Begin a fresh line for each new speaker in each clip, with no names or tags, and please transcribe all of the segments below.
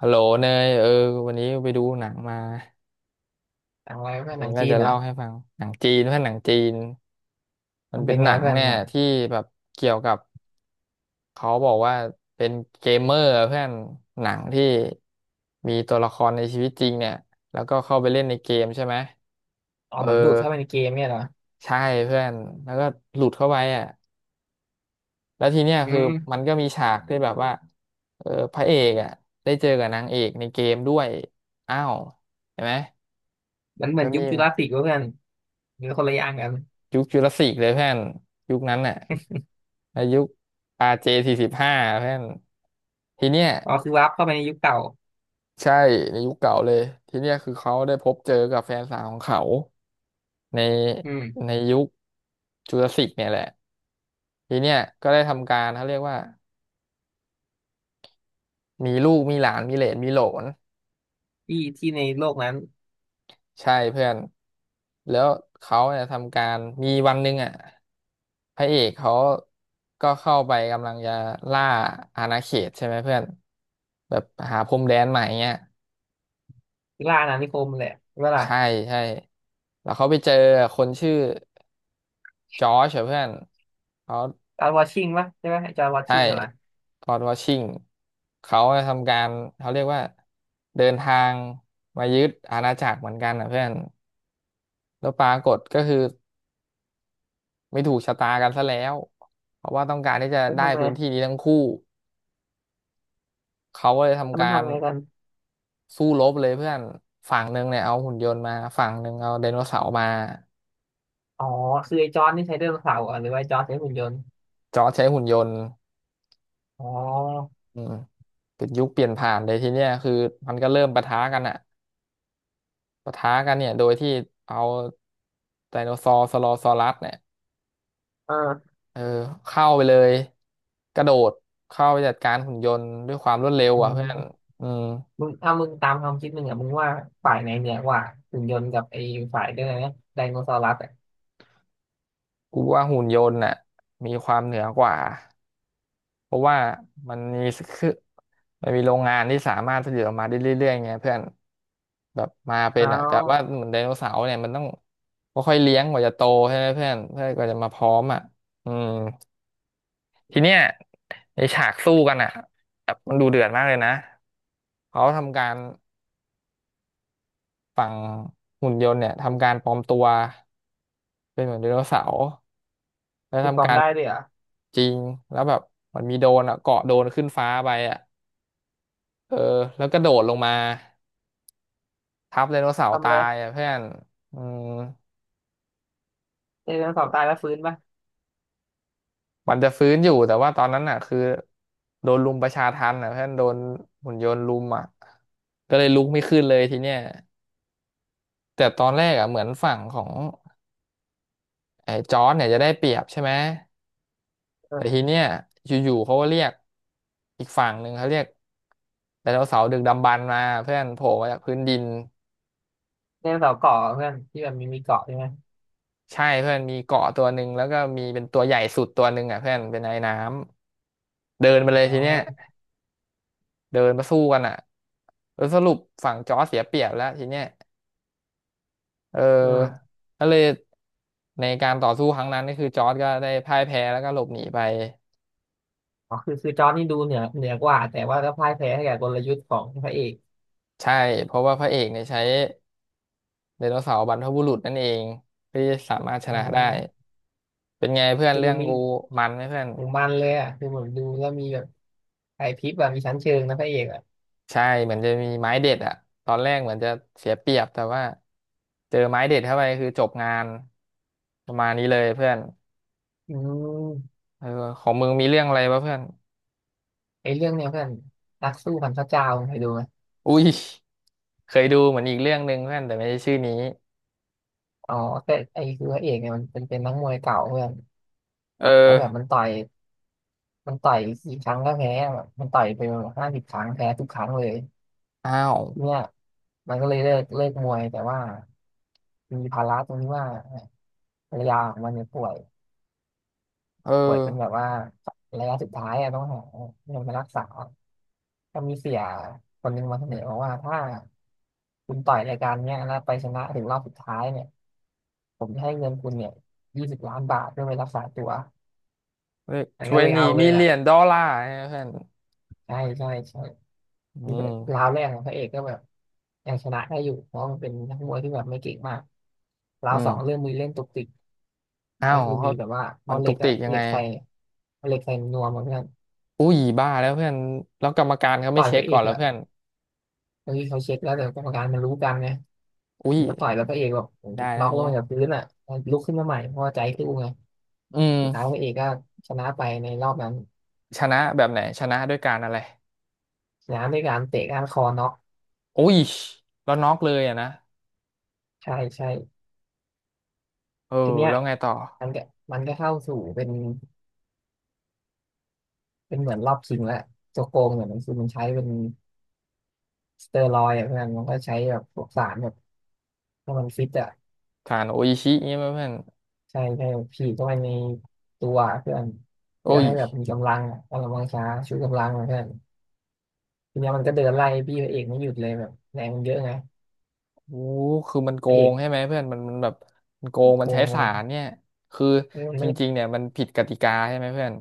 ฮัลโหลเนยเออวันนี้ไปดูหนังมา
หนังอะไรเพื่อนห
นี่
นัง
ว่า
จีน
จะ
เหรอ
เล่าให้ฟังหนังจีนเพื่อนหนังจีนมั
มั
น
น
เป็
เป็
น
น
ห
ไง
นัง
เพื่อน
เนี่ย
หนัง
ที่แบบเกี่ยวกับเขาบอกว่าเป็นเกมเมอร์เพื่อนหนังที่มีตัวละครในชีวิตจริงเนี่ยแล้วก็เข้าไปเล่นในเกมใช่ไหม
อ๋อ
เออ
เหมือนดูดเข้าไปในเกมเนี่ยเหรอ
ใช่เพื่อนแล้วก็หลุดเข้าไปอ่ะแล้วทีเนี้ย
อื
คือมั
ม
นก็มีฉากที่แบบว่าพระเอกอ่ะได้เจอกับนางเอกในเกมด้วยอ้าวเห็นไหม
มันเหมือ
ก็
นยุ
มี
คจูราสสิกเวะเพื่อนมันคนละอย่างกัน
ยุคจุลศิลป์เลยเพื่อนยุคนั้นน่ะในยุค RJ 45เพื่อนทีเนี้ย
อ๋อคือวาร์ปเข้าไปในยุคเก่า
ใช่ในยุคเก่าเลยทีเนี้ยคือเขาได้พบเจอกับแฟนสาวของเขาใน
อืม
ในยุคจุลศิลป์เนี่ยแหละทีเนี้ยก็ได้ทำการเขาเรียกว่ามีลูกมีหลานมีเหลนมีโหลน
ที่ที่ในโลกนั้น
ใช่เพื่อนแล้วเขาเนี่ยทำการมีวันหนึ่งอ่ะพระเอกเขาก็เข้าไปกำลังจะล่าอาณาเขตใช่ไหมเพื่อนแบบหาพรมแดนใหม่เงี้ย
ล่าอาณานิคมแหละใช่ปะล่ะ
ใช่ใช่แล้วเขาไปเจอคนชื่อจอร์จอะเพื่อนเขา
จอร์จวอชิงปะใช่ปะไอ้จอร์จวอ
ใช่
ชิงอะไร
จอร์จวอชิงเขาทำการเขาเรียกว่าเดินทางมายึดอาณาจักรเหมือนกันนะเพื่อนแล้วปรากฏก็คือ ไม่ถูกชะตากันซะแล้วเพราะว่าต้องการที่จะ
มัน
ได้
ทำไง
พื้นที่นี้ทั้งคู่ เขาก็เลย
แล้ว
ทำ
มัน
การ
ทำไงกัน
สู้รบเลยเพื่อนฝั่งหนึ่งเนี่ยเอาหุ่นยนต์มาฝั่งหนึ่งเอาไดโนเสาร์มา
อ๋อคือไอ้จอร์จนี่ใช้ไดโนเสาร์ะหรอหรือว่าไอ้จอร์จใช้หุ่นยนต์
จอร์จใช้หุ่นยนต์
อ๋อ
อืมเป็นยุคเปลี่ยนผ่านเลยทีเนี้ยคือมันก็เริ่มปะทะกันอะปะทะกันเนี่ยโดยที่เอาไดโนซอร์สโลซอรัสเนี่ย
เออ
เออเข้าไปเลยกระโดดเข้าไปจัดการหุ่นยนต์ด้วยความรวดเร็ว
อื
อ่ะเพื่อน
ม
อืม
มึงถ้ามึงตามความคิดมึงอ่ะมึงว่าฝ่ายไหนเหนือกว่าหุ่นยนต์กับไอ้ฝ่ายเดินนะไดโนเสาร์รัสอ่ะ
กูว่าหุ่นยนต์น่ะมีความเหนือกว่า เพราะว่ามันมีคือมันมีโรงงานที่สามารถผลิตออกมาได้เรื่อยๆไงเพื่อนแบบมาเป็
อ๋
นอ่ะแต่ว่า
อ
เหมือนไดโนเสาร์เนี่ยมันต้องค่อยๆเลี้ยงกว่าจะโตใช่ไหมเพื่อนเพื่อนกว่าจะมาพร้อมอ่ะอืมทีเนี้ยในฉากสู้กันอ่ะแบบมันดูเดือดมากเลยนะเขาทำการฝั่งหุ่นยนต์เนี่ยทำการปลอมตัวเป็นเหมือนไดโนเสาร์แล้ว
มีค
ทำ
วาม
การ
ได้ด้วยเหรอ
จริงแล้วแบบมันมีโดรนอ่ะเกาะโดรนขึ้นฟ้าไปอ่ะเออแล้วก็โดดลงมา ทับไดโนเสาร์
ทำ
ตา
เลย
ยอะเพื่อนอืม
ไดโนเสาร์ตายแล้วฟื้นป่ะ
มันจะฟื้นอยู่แต่ว่าตอนนั้นอ่ะคือโดนรุมประชาทัณฑ์อ่ะเพื่อนโดนหุ่นยนต์รุมอ่ะก็เลยลุกไม่ขึ้นเลยทีเนี้ยแต่ตอนแรกอ่ะเหมือนฝั่งของไอ้จอร์จเนี่ยจะได้เปรียบใช่ไหม
เอ
แต่ที
อ
เนี้ยอยู่ๆเขาก็เรียกอีกฝั่งหนึ่งเขาเรียกไดโนเสาร์ดึกดำบรรพ์มาเพื่อนโผล่มาจากพื้นดิน
ไดโนเสาร์เกาะเพื่อนที่แบบมีเกาะใช่ไหม
ใช่เพื่อนมีเกาะตัวหนึ่งแล้วก็มีเป็นตัวใหญ่สุดตัวหนึ่งอ่ะเพื่อนเป็นไอ้น้ำเดินไปเลย
อ๋อ
ทีเนี้ย เดินมาสู้กันอ่ะสรุปฝั่งจอร์จเสียเปรียบแล้วทีเนี้ยเออ
อืม
ก็เลยในการต่อสู้ครั้งนั้นก็คือจอร์จก็ได้พ่ายแพ้แล้วก็หลบหนีไป
อ๋อคือจอร์จนี่ดูเหนือกว่าแต่ว่าก็พ่ายแพ้ให้กับกลยุทธ์ของพระเอก
ใช่เพราะว่าพระเอกเนี่ยใช้ไดโนเสาร์บรรพบุรุษนั่นเองเพื่อที่จะสามารถช
อ๋อ
นะได้เป็นไงเพื่อน
คือดู
เรื่อง
มี
กูมันไหมเพื่อน
ถึงมันเลยอ่ะคือผมดูแล้วมีแบบไอพริบแบบมีชั้นเชิงนะพระเอกอ่ะ
ใช่เหมือนจะมีไม้เด็ดอะตอนแรกเหมือนจะเสียเปรียบแต่ว่าเจอไม้เด็ดเข้าไปคือจบงานประมาณนี้เลยเพื่อน
อืม
เออของมึงมีเรื่องอะไรปะเพื่อน
ไอเรื่องเนี้ยเพื่อนนักสู้พันพระเจ้าเคยดูไหม
อุ้ยเคยดูเหมือนอีกเรื่องหนึ่งเพื่อนแต่ไม่ใช่ชื่อนี้
อ๋อแต่ไอคือพระเอกเนี่ยมันเป็นนักมวยเก่าเพื่อน
เออ
แล้วแบบมันต่อยมันต่อยกี่ครั้งก็แพ้แบบมันต่อยไป50 ครั้งแพ้ทุกครั้งเลย
อ้าว
เนี่ยมันก็เลยเลิกมวยแต่ว่ามีภาระตรงที่ว่าภรรยาของมันเนี่ยป่วย
เออ
ป่วยเป็นแบบว่าระยะสุดท้ายอะต้องหาเงินมารักษาก็มีเสียคนหนึงมาเสนอบอกว่าถ้าคุณต่อยรายการเนี้ยแล้วไปชนะถึงรอบสุดท้ายเนี่ยผมจะให้เงินคุณเนี่ย20 ล้านบาทเพื่อไปรักษาตัวแต่
ท
ก็
เว
เลย
นี
เอาเล
มิ
ย
เลี
อ่ะ
ยนดอลลาร์เพื่อน
ใช่ใช่ใช่
อื
ที่รา
ม
วแรกของพระเอกก็แบบยังชนะได้อยู่เพราะมันเป็นนักมวยที่แบบไม่เก่งมากรา
อื
วสอง
ม
เริ่มมีเล่นตุกติก
อ้า
ก็
ว
คือมี
เขา
แบบว่า
มั
เอา
น
เห
ตุ
ล็
ก
ก
ติ
อะ
กยัง
เหล็
ไง
กใส่เอาเหล็กใส่นวมอะเพื่อน
อุ้ยบ้าแล้วเพื่อนแล้วกรรมการเขา
ต่
ไม่
อย
เช็
พ
ค
ระเอ
ก่อ
ก
นแล้ว
อะ
เพื่อน
บางทีเขาเช็คแล้วแต่กรรมการมันรู้กันไง
อุ้ย
มันก็ต่อยแล้วพระเอกแบบ
ได้แล้
น็
ว
อ
อ
ก
ย่าง
ล
เงี้
ง
ย
จากพื้นอะลุกขึ้นมาใหม่เพราะว่าใจสู้ไง
อื
สุดท้าย
ม
พระเอกก็ชนะไปในรอบนั้น
ชนะแบบไหนชนะด้วยการอะไร
ชนะด้วยการเตะก้านคอน็อก
อุ้ยแล้วน็อกเลยอะนะ
ใช่ใช่
เออ
ทีเนี้ย
แล้วไงต่อ
มันก็มันก็เข้าสู่เป็นเหมือนรอบชิงแล้วโจโกงเนี่ยมันคือมันใช้เป็นสเตอรอยด์อะเพื่อนมันก็ใช้แบบพวกสารแบบให้มันฟิตอะ
การโออิชิเงี้ยไหมเพื่อน
ใช่ใช่ฉีดเข้าไปในตัวเพื่อนเพื่
โอ้
อ
ย
ให้แบบมีกำลังอะกำลังวังชาชูกำลังอะเพื่อนทีเนี้ยมันก็เดินไล่พี่พระเอกไม่หยุดเลยแบบแรงมันเยอะไง
โอ้คือมันโก
พระเอก
งใช่ไหมเพื่อนมันมันแบบมันโกง
โก
มันใช้สา
ง
รเนี่ยคือ
เออมัน
จ
ไม่
ริงๆเนี่ยมันผิดกติกาใช่ไหมเพื่อน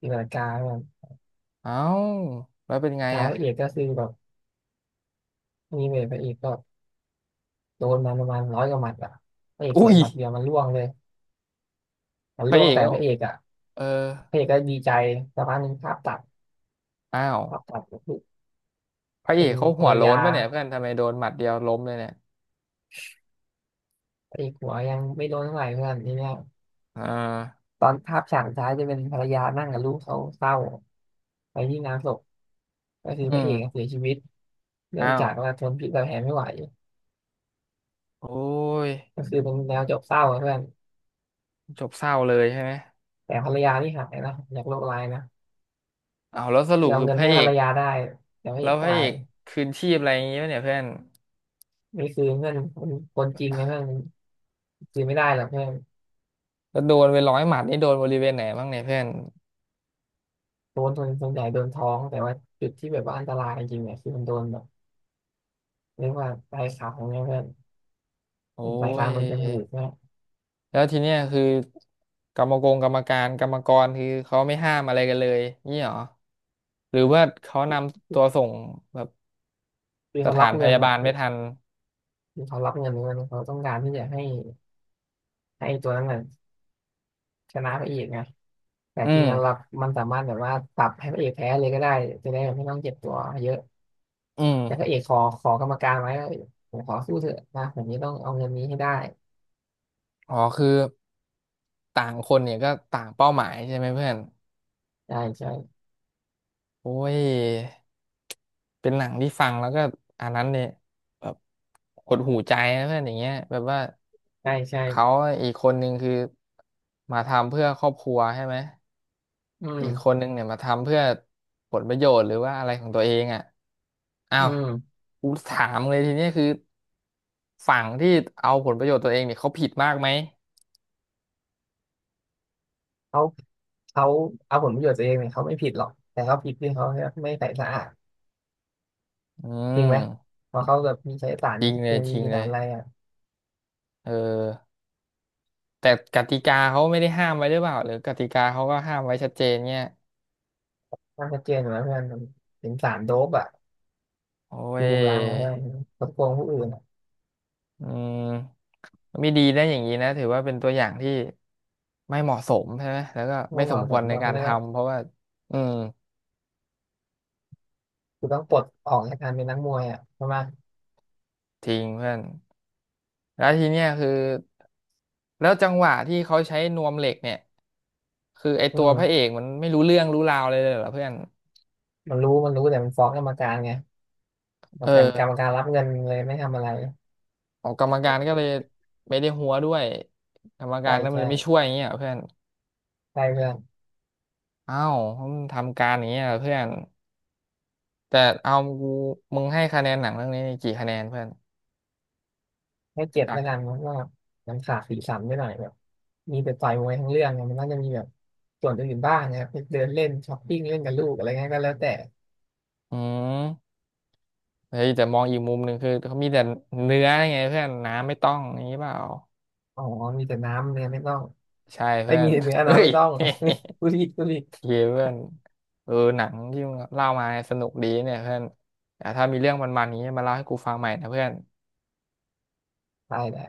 ตีลังกาแบบ
เอ้าแล้วเป็นไง
ท้าย
อ่ะ
พระเอกก็คือแบบนี่เลยพระเอกก็โดนมาประมาณ100 กว่าหมัดอ่ะพระเอกส
อุ้
วน
ย
หมัดเดียวมันล่วงเลยมัน
พระ
ล่ว
เอ
ง
ก
แต่พ
เขา
ระเอกอ่ะ
เออ
พระเอกก็ดีใจสักพักหนึ่งภาพตัด
อ้าว
ภาพตัดก็คือ
พระเอ
เป็น
กเขา
ภร
หัว
ร
โล้
ยา
นป่ะเนี่ยเพื่อนทำไมโดนหมัดเดียวล้มเลยเนี่ย
พระเอกหัวยังไม่โดนเท่าไหร่เพื่อนทีเนี้ย
อ่า
ตอนภาพฉากสุดท้ายจะเป็นภรรยานั่งกับลูกเขาเศร้า ไปที่งานศพก็คือ
อื
พระเอก
ม
เสียชีวิตเนื่
อ้า
อง
ว
จากว่าทนพิษรดแผลไม่ไหว
โอ้ย
ก็คือเป็นแนวจบเศร้าอะเพื่อน
จบเศร้าเลยใช่ไหม
แต่ภรรยาที่หายนะจากโรคร้ายนะ
เ้าวแล้วสรุ
คือ
ป
เอา
คือ
เงิ
พ
น
ระ
ให้
เอ
ภรร
ก
ยาได้แต่พระ
แล้
เอ
ว
ก
พระ
ตา
เอ
ย
กคืนชีพอะไรอย่างงี้ป่ะเนี่ยเพื่อน
นี่คือเพื่อนคนคนจริงนะเพื่อนคือไม่ได้หรอกเพื่อน
แล้วโดนไป100 หมัดนี่โดนบริเวณไหนบ้างเนี่ยเพื่อน
โดนสนส่วนใหญ่โดนท้องแต่ว่าจุดที่แบบว่าอันตรายจริงๆเนี่ยคือมันโดนแบบเรียกว่าปลายขางเนี่ยเพื่อน
โอ้
เป็นปลายขาง
ย
โดนจมูกเนี่ย
แล้วทีเนี้ยคือกรรมกรกรรมการกรรมกรคือเขาไม่ห้ามอะไรกันเลยนี่หรอหรือว่าเขานำตัวส่งแบบ
คือ
ส
เขารั
ถา
บ
นพ
เงิน
ยา
อ่ะ
บาล
คือ
ไม่ทัน
คือเขารับเงินเขาต้องการที่จะให้ให้ตัวนั้นน่ะชนะพระเอกไง แต่
อื
จริง
ม
ๆเรามันสามารถแบบว่าปรับให้พระเอกแพ้เลยก็ได้จะได้แบบไม่ต้องเจ็บตัวเยอะ
อืม
แต่พระเอกขอกรรมการไว้ว่าผมขอสู้เถอะนะผมนี้ต้องเอาเงินนี้ให้ได้
อ๋อคือต่างคนเนี่ยก็ต่างเป้าหมายใช่ไหมเพื่อน
ใช่ใช่
โอ้ยเป็นหนังที่ฟังแล้วก็อันนั้นเนี่ยแบบหดหูใจนะเพื่อนอย่างเงี้ยแบบว่า
ใช่ใช่
เขาอีกคนนึงคือมาทำเพื่อครอบครัวใช่ไหม
อื
อีกค
ม
นนึงเนี่ยมาทำเพื่อผลประโยชน์หรือว่าอะไรของตัวเองอ่ะอ้า
อื
ว
ม
กูถามเลยทีเนี้ยคือฝั่งที่เอาผลประโยชน์ตัวเองเนี่ยเขาผิดมากไหม
เขาเขาเอาผลประโยชน์ตัวเองเนี่ยเขาไม่ผิดหรอกแต่เขาผิดที่เขาไม่ใส่สะอาด
อื
จริงไหม
ม
เพราะเขาแบบมีใช้สาร
จริง
เค
เลยจ
มี
ริงเล
สาร
ย
อะไรอ่ะ
เออแต่กติกาเขาไม่ได้ห้ามไว้หรือเปล่าหรือกติกาเขาก็ห้ามไว้ชัดเจนเนี่ย
มันชัดเจนอยู่แล้วเพื่อนมันเป็นสารโดปอ่ะ
โอ้
ชู
ย
กำลังนะเพื่อนกดโกงผู้อื่นอ่ะ
อืมไม่ดีนะอย่างนี้นะถือว่าเป็นตัวอย่างที่ไม่เหมาะสมใช่ไหมแล้วก็ไม่
ไม่เห
สม
มาะ
ค
ส
วร
มห
ใน
รอก
กา
เขา
ร
เรียกว่า
ทำเพราะว่าอืม
คือต้องปลดออกจากการเป็นนักมวยอ่ะใช่ไหม
จริงเพื่อน แล้วทีเนี้ยคือแล้วจังหวะที่เขาใช้นวมเหล็กเนี่ยคือไอ
อื
ตัวพระเอ
ม
กมันไม่รู้เรื่องรู้ราวเลยเหรอเพื่อน
มันรู้แต่มันฟ้องกรรมการไงบอ
เออ
กแต่กรรมการรับเงินเลยไม่ทำอะไร
ขอกกรรมการก็เลยไม่ได้หัวด้วยกรรมกา
ใช่
รก็เล
ใช่
ยไม่ช่วยอย่างเงี้ยเหรอเพื่อน
ใช่เพื่อน
อ้าวมึงทำการอย่างเงี้ยเหรอเพื่อนแต่เอากูมึงให้คะแนนหนังเรื่องนี้กี่คะแนนเพื่อน
ให้7
จาก
แล้วกันเพราะว่ามันขาดสีสันไปหน่อยแบบมีแต่ต่อยมวยทั้งเรื่องไง่มันน่าจะมีแบบส่วนอื่นบ้างนะไปเดินเล่นช้อปปิ้งเล่นกับลูกอะไรเงี้ยก็แล้วแต่
อืมเฮ้ยแต่มองอีกมุมหนึ่งคือเขามีแต่เนื้อไงเพื่อนน้ำไม่ต้องอย่างนี้เปล่า
อ๋อมีแต่น้ำเนี่ยไม่ต้อง
ใช่
ไม่
เพื่อ
มี
น
แต่เนื้อ
เฮ้
น้ำ
ย
ไม่ต้อง ผู้ริดผู้ริด
เคเพื่อนเออหนังที่มึงเล่ามาเนี่ยสนุกดีเนี่ยเพื่อนแต่ถ้ามีเรื่องมันๆอย่างนี้มาเล่าให้กูฟังใหม่นะเพื่อน
ตายแล้